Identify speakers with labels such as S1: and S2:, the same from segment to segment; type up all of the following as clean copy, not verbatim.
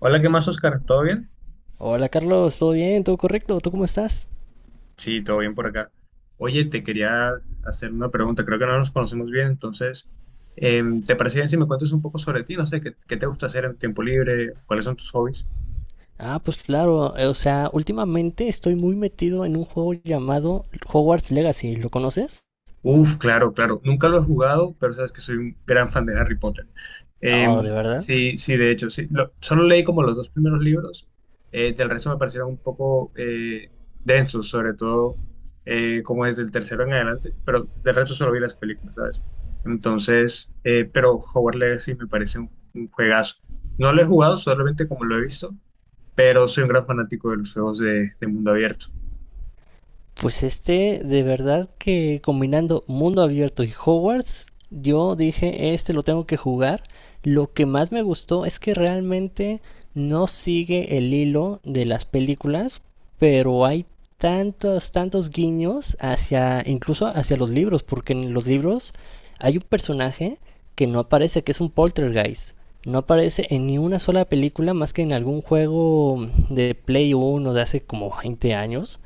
S1: Hola, ¿qué más, Oscar? ¿Todo bien?
S2: Hola Carlos, ¿todo bien? ¿Todo correcto? ¿Tú cómo estás?
S1: Sí, todo bien por acá. Oye, te quería hacer una pregunta. Creo que no nos conocemos bien, entonces, ¿te parece bien si me cuentas un poco sobre ti? No sé, ¿qué te gusta hacer en tiempo libre? ¿Cuáles son tus hobbies?
S2: Ah, pues claro, o sea, últimamente estoy muy metido en un juego llamado Hogwarts Legacy, ¿lo conoces?
S1: Uf, claro, claro. Nunca lo he jugado, pero sabes que soy un gran fan de Harry Potter.
S2: Oh, ¿de verdad?
S1: Sí, sí, de hecho, sí. Solo leí como los dos primeros libros. Del resto me parecieron un poco densos, sobre todo como desde el tercero en adelante, pero del resto solo vi las películas, ¿sabes? Entonces, pero Hogwarts Legacy me parece un juegazo. No lo he jugado, solamente como lo he visto, pero soy un gran fanático de los juegos de mundo abierto.
S2: Pues este, de verdad que combinando mundo abierto y Hogwarts, yo dije, este lo tengo que jugar. Lo que más me gustó es que realmente no sigue el hilo de las películas, pero hay tantos, tantos guiños hacia, incluso hacia los libros, porque en los libros hay un personaje que no aparece, que es un poltergeist. No aparece en ni una sola película más que en algún juego de Play 1 de hace como 20 años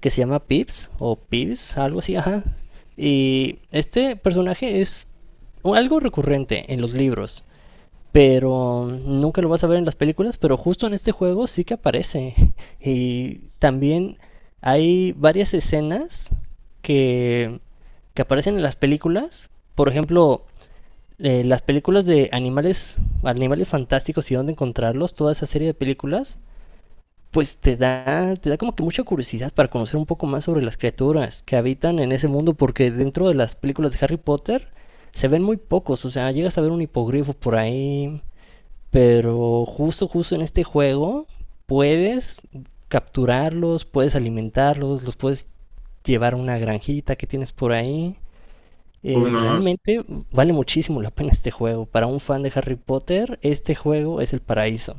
S2: que se llama Pips o Pips, algo así, ajá. Y este personaje es algo recurrente en los libros, pero nunca lo vas a ver en las películas, pero justo en este juego sí que aparece. Y también hay varias escenas que, que aparecen en las películas. Por ejemplo, las películas de animales fantásticos y dónde encontrarlos, toda esa serie de películas, pues te da como que mucha curiosidad para conocer un poco más sobre las criaturas que habitan en ese mundo, porque dentro de las películas de Harry Potter se ven muy pocos, o sea, llegas a ver un hipogrifo por ahí, pero justo, justo en este juego puedes capturarlos, puedes alimentarlos, los puedes llevar a una granjita que tienes por ahí.
S1: Uno,
S2: Realmente vale muchísimo la pena este juego. Para un fan de Harry Potter, este juego es el paraíso.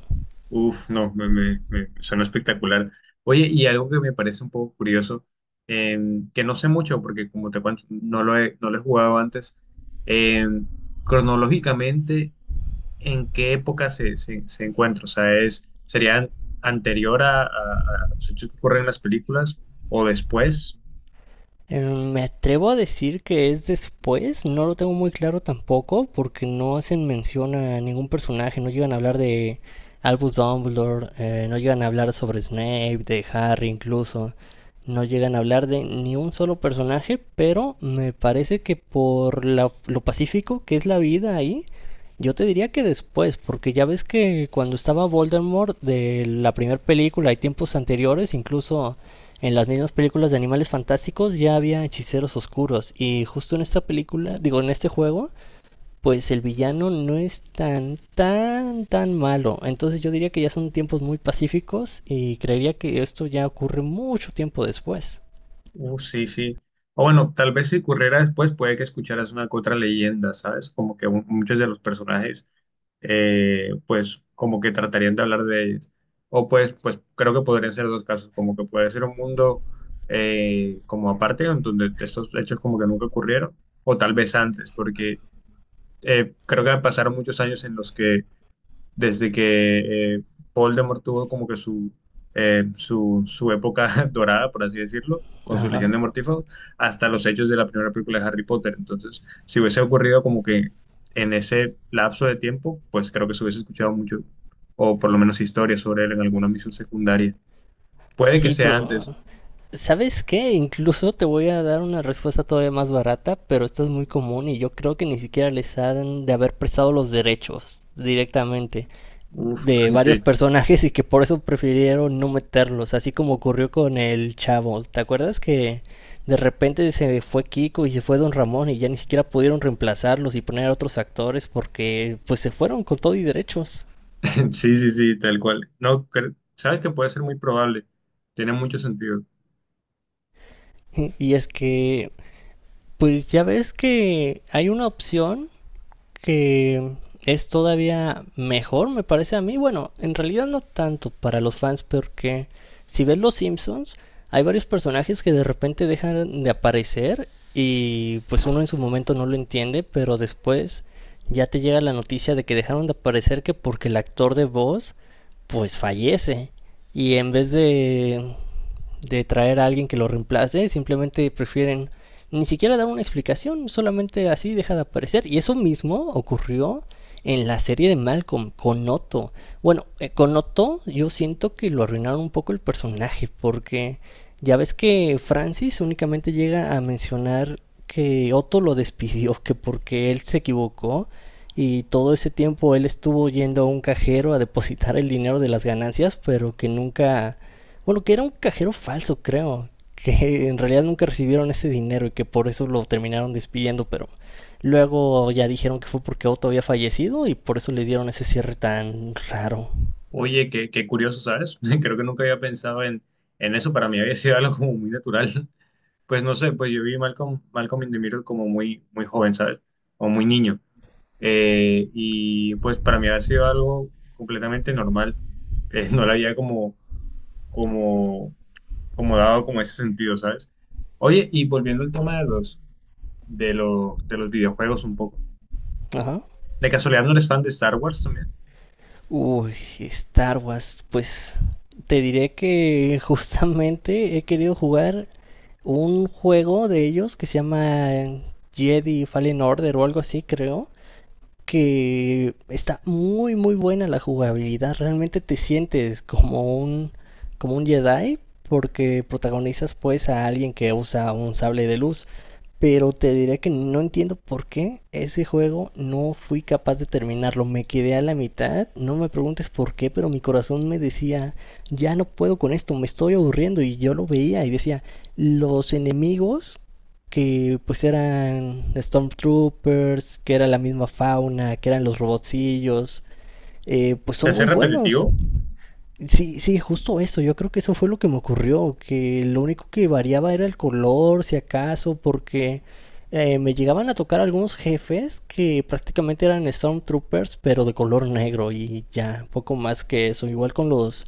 S1: uf, no, suena espectacular. Oye, y algo que me parece un poco curioso, eh, que no sé mucho porque, como te cuento, no lo he jugado antes, eh, cronológicamente, ¿en qué época se encuentra? O sea, es, ¿sería anterior a los hechos que ocurren en las películas o después?
S2: Me atrevo a decir que es después, no lo tengo muy claro tampoco, porque no hacen mención a ningún personaje, no llegan a hablar de Albus Dumbledore, no llegan a hablar sobre Snape, de Harry incluso, no llegan a hablar de ni un solo personaje, pero me parece que por lo pacífico que es la vida ahí, yo te diría que después, porque ya ves que cuando estaba Voldemort de la primera película y tiempos anteriores, incluso en las mismas películas de Animales Fantásticos ya había hechiceros oscuros y justo en esta película, digo en este juego, pues el villano no es tan tan tan malo. Entonces yo diría que ya son tiempos muy pacíficos y creería que esto ya ocurre mucho tiempo después.
S1: Uf, sí, sí. O bueno, tal vez si ocurriera después, puede que escucharas una que otra leyenda, ¿sabes? Como que muchos de los personajes, pues como que tratarían de hablar de ellas. O pues, pues creo que podrían ser dos casos, como que puede ser un mundo como aparte, en donde estos hechos como que nunca ocurrieron, o tal vez antes, porque creo que pasaron muchos años en los que desde que Voldemort tuvo como que su, su época dorada, por así decirlo, con su Legión
S2: Ajá.
S1: de Mortífagos, hasta los hechos de la primera película de Harry Potter. Entonces, si hubiese ocurrido como que en ese lapso de tiempo, pues creo que se hubiese escuchado mucho, o por lo menos historias sobre él en alguna misión secundaria. Puede que
S2: Sí,
S1: sea antes.
S2: pero ¿sabes qué? Incluso te voy a dar una respuesta todavía más barata, pero esta es muy común y yo creo que ni siquiera les han de haber prestado los derechos directamente
S1: Uf,
S2: de
S1: sí,
S2: varios personajes y que por eso prefirieron no meterlos, así como ocurrió con el chavo. ¿Te acuerdas que de repente se fue Kiko y se fue Don Ramón y ya ni siquiera pudieron reemplazarlos y poner a otros actores porque pues se fueron con todo y derechos?
S1: sí, sí, sí, tal cual. No, sabes que puede ser muy probable. Tiene mucho sentido.
S2: Y es que pues ya ves que hay una opción que es todavía mejor, me parece a mí. Bueno, en realidad no tanto para los fans, porque si ves Los Simpsons, hay varios personajes que de repente dejan de aparecer y pues uno en su momento no lo entiende, pero después ya te llega la noticia de que dejaron de aparecer que porque el actor de voz pues fallece. Y en vez de traer a alguien que lo reemplace, simplemente prefieren ni siquiera dar una explicación, solamente así deja de aparecer. Y eso mismo ocurrió en la serie de Malcolm con Otto. Bueno, con Otto yo siento que lo arruinaron un poco el personaje porque ya ves que Francis únicamente llega a mencionar que Otto lo despidió, que porque él se equivocó y todo ese tiempo él estuvo yendo a un cajero a depositar el dinero de las ganancias, pero que nunca... Bueno, que era un cajero falso, creo. Que en realidad nunca recibieron ese dinero y que por eso lo terminaron despidiendo, pero luego ya dijeron que fue porque Otto había fallecido y por eso le dieron ese cierre tan raro.
S1: Oye, qué curioso, ¿sabes? Creo que nunca había pensado en eso. Para mí había sido algo como muy natural. Pues no sé, pues yo vi Malcolm, Malcolm in the Middle como muy, muy joven, ¿sabes? O muy niño. Y pues para mí había sido algo completamente normal. No le había como, como dado como ese sentido, ¿sabes? Oye, y volviendo al tema de los videojuegos un poco.
S2: Ajá.
S1: ¿De casualidad no eres fan de Star Wars también?
S2: Uy, Star Wars, pues te diré que justamente he querido jugar un juego de ellos que se llama Jedi Fallen Order o algo así, creo que está muy muy buena la jugabilidad. Realmente te sientes como un Jedi porque protagonizas pues a alguien que usa un sable de luz. Pero te diré que no entiendo por qué ese juego no fui capaz de terminarlo. Me quedé a la mitad, no me preguntes por qué, pero mi corazón me decía, ya no puedo con esto, me estoy aburriendo. Y yo lo veía y decía, los enemigos que pues eran Stormtroopers, que era la misma fauna, que eran los robotcillos, pues
S1: ¿Te
S2: son
S1: hace
S2: muy buenos.
S1: repetitivo?
S2: Sí, sí, justo eso. Yo creo que eso fue lo que me ocurrió, que lo único que variaba era el color, si acaso, porque me llegaban a tocar algunos jefes que prácticamente eran Stormtroopers, pero de color negro y ya, poco más que eso. Igual con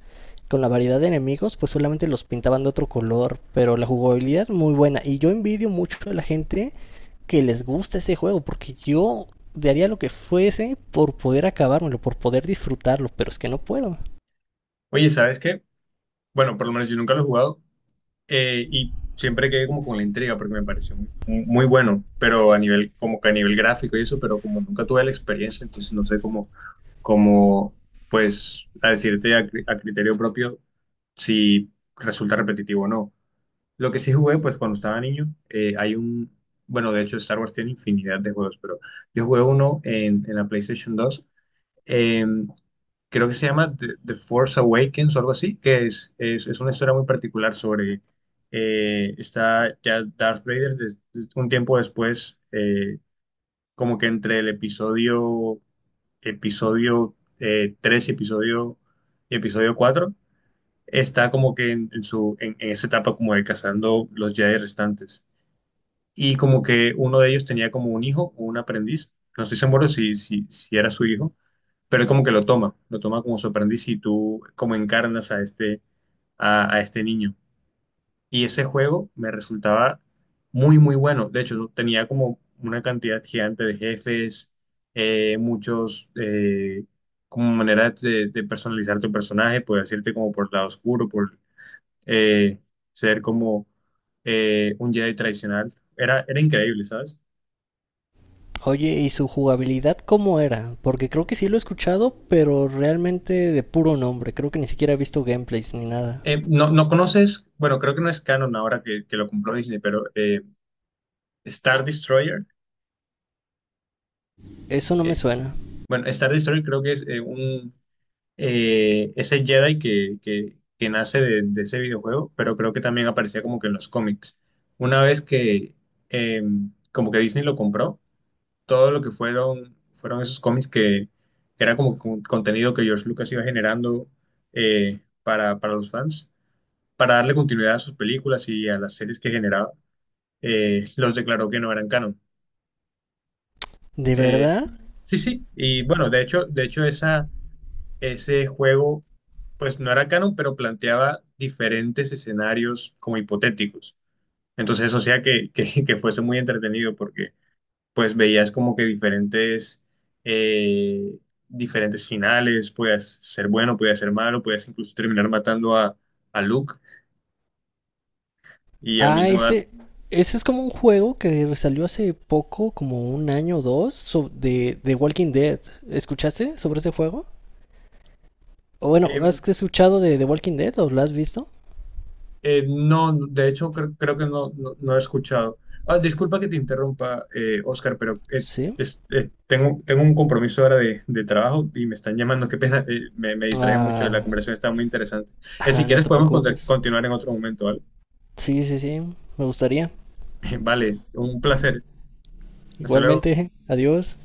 S2: con la variedad de enemigos, pues solamente los pintaban de otro color, pero la jugabilidad muy buena. Y yo envidio mucho a la gente que les gusta ese juego, porque yo daría lo que fuese por poder acabármelo, por poder disfrutarlo, pero es que no puedo.
S1: Oye, ¿sabes qué? Bueno, por lo menos yo nunca lo he jugado. Y siempre quedé como con la intriga porque me pareció muy, muy bueno, pero a nivel, como que a nivel gráfico y eso, pero como nunca tuve la experiencia, entonces no sé cómo, cómo pues, a decirte a, a criterio propio si resulta repetitivo o no. Lo que sí jugué, pues cuando estaba niño, hay un, bueno, de hecho Star Wars tiene infinidad de juegos, pero yo jugué uno en la PlayStation dos, eh, creo que se llama The Force Awakens o algo así, que es una historia muy particular sobre, está ya Darth Vader un tiempo después, como que entre el episodio 3 y episodio cuatro, está como que en esa etapa como de cazando los Jedi restantes. Y como que uno de ellos tenía como un hijo, un aprendiz, no estoy seguro si era su hijo, pero él como que lo toma como su aprendiz y tú como encarnas a este, a este niño. Y ese juego me resultaba muy, muy bueno. De hecho, yo tenía como una cantidad gigante de jefes, muchos, como maneras de personalizar tu personaje. Puedes irte como por el lado oscuro, por eh, ser como un Jedi tradicional. Era, era increíble, ¿sabes?
S2: Oye, ¿y su jugabilidad cómo era? Porque creo que sí lo he escuchado, pero realmente de puro nombre. Creo que ni siquiera he visto gameplays ni nada.
S1: No conoces, bueno, creo que no es canon ahora que lo compró Disney, pero Star Destroyer,
S2: Eso no me
S1: eh,
S2: suena.
S1: bueno, Star Destroyer creo que es un, ese Jedi que nace de ese videojuego, pero creo que también aparecía como que en los cómics. Una vez que eh, como que Disney lo compró, todo lo que fueron, fueron esos cómics que era como que un contenido que George Lucas iba generando, para los fans, para darle continuidad a sus películas y a las series que generaba, los declaró que no eran canon.
S2: ¿De
S1: Eh,
S2: verdad?
S1: sí, sí, y bueno, de hecho esa, ese juego, pues no era canon, pero planteaba diferentes escenarios como hipotéticos. Entonces eso hacía que fuese muy entretenido porque pues veías como que diferentes, eh, diferentes finales. Podías ser bueno, podías ser malo, podías incluso terminar matando a Luke y al
S2: Ah,
S1: mismo dato.
S2: ese es como un juego que salió hace poco, como un año o dos, de Walking Dead. ¿Escuchaste sobre ese juego? O bueno, ¿has escuchado de The Walking Dead o lo has visto?
S1: No, de hecho creo que no, no, no he escuchado. Ah, disculpa que te interrumpa, Oscar, pero
S2: Sí.
S1: tengo un compromiso ahora de trabajo y me están llamando. Qué pena, me distraía mucho, la
S2: Ah,
S1: conversación está muy interesante. Si
S2: ah, no
S1: quieres
S2: te
S1: podemos
S2: preocupes.
S1: continuar en otro momento, ¿vale?
S2: Sí, sí, sí. Me gustaría.
S1: Vale, un placer. Hasta luego.
S2: Igualmente, adiós.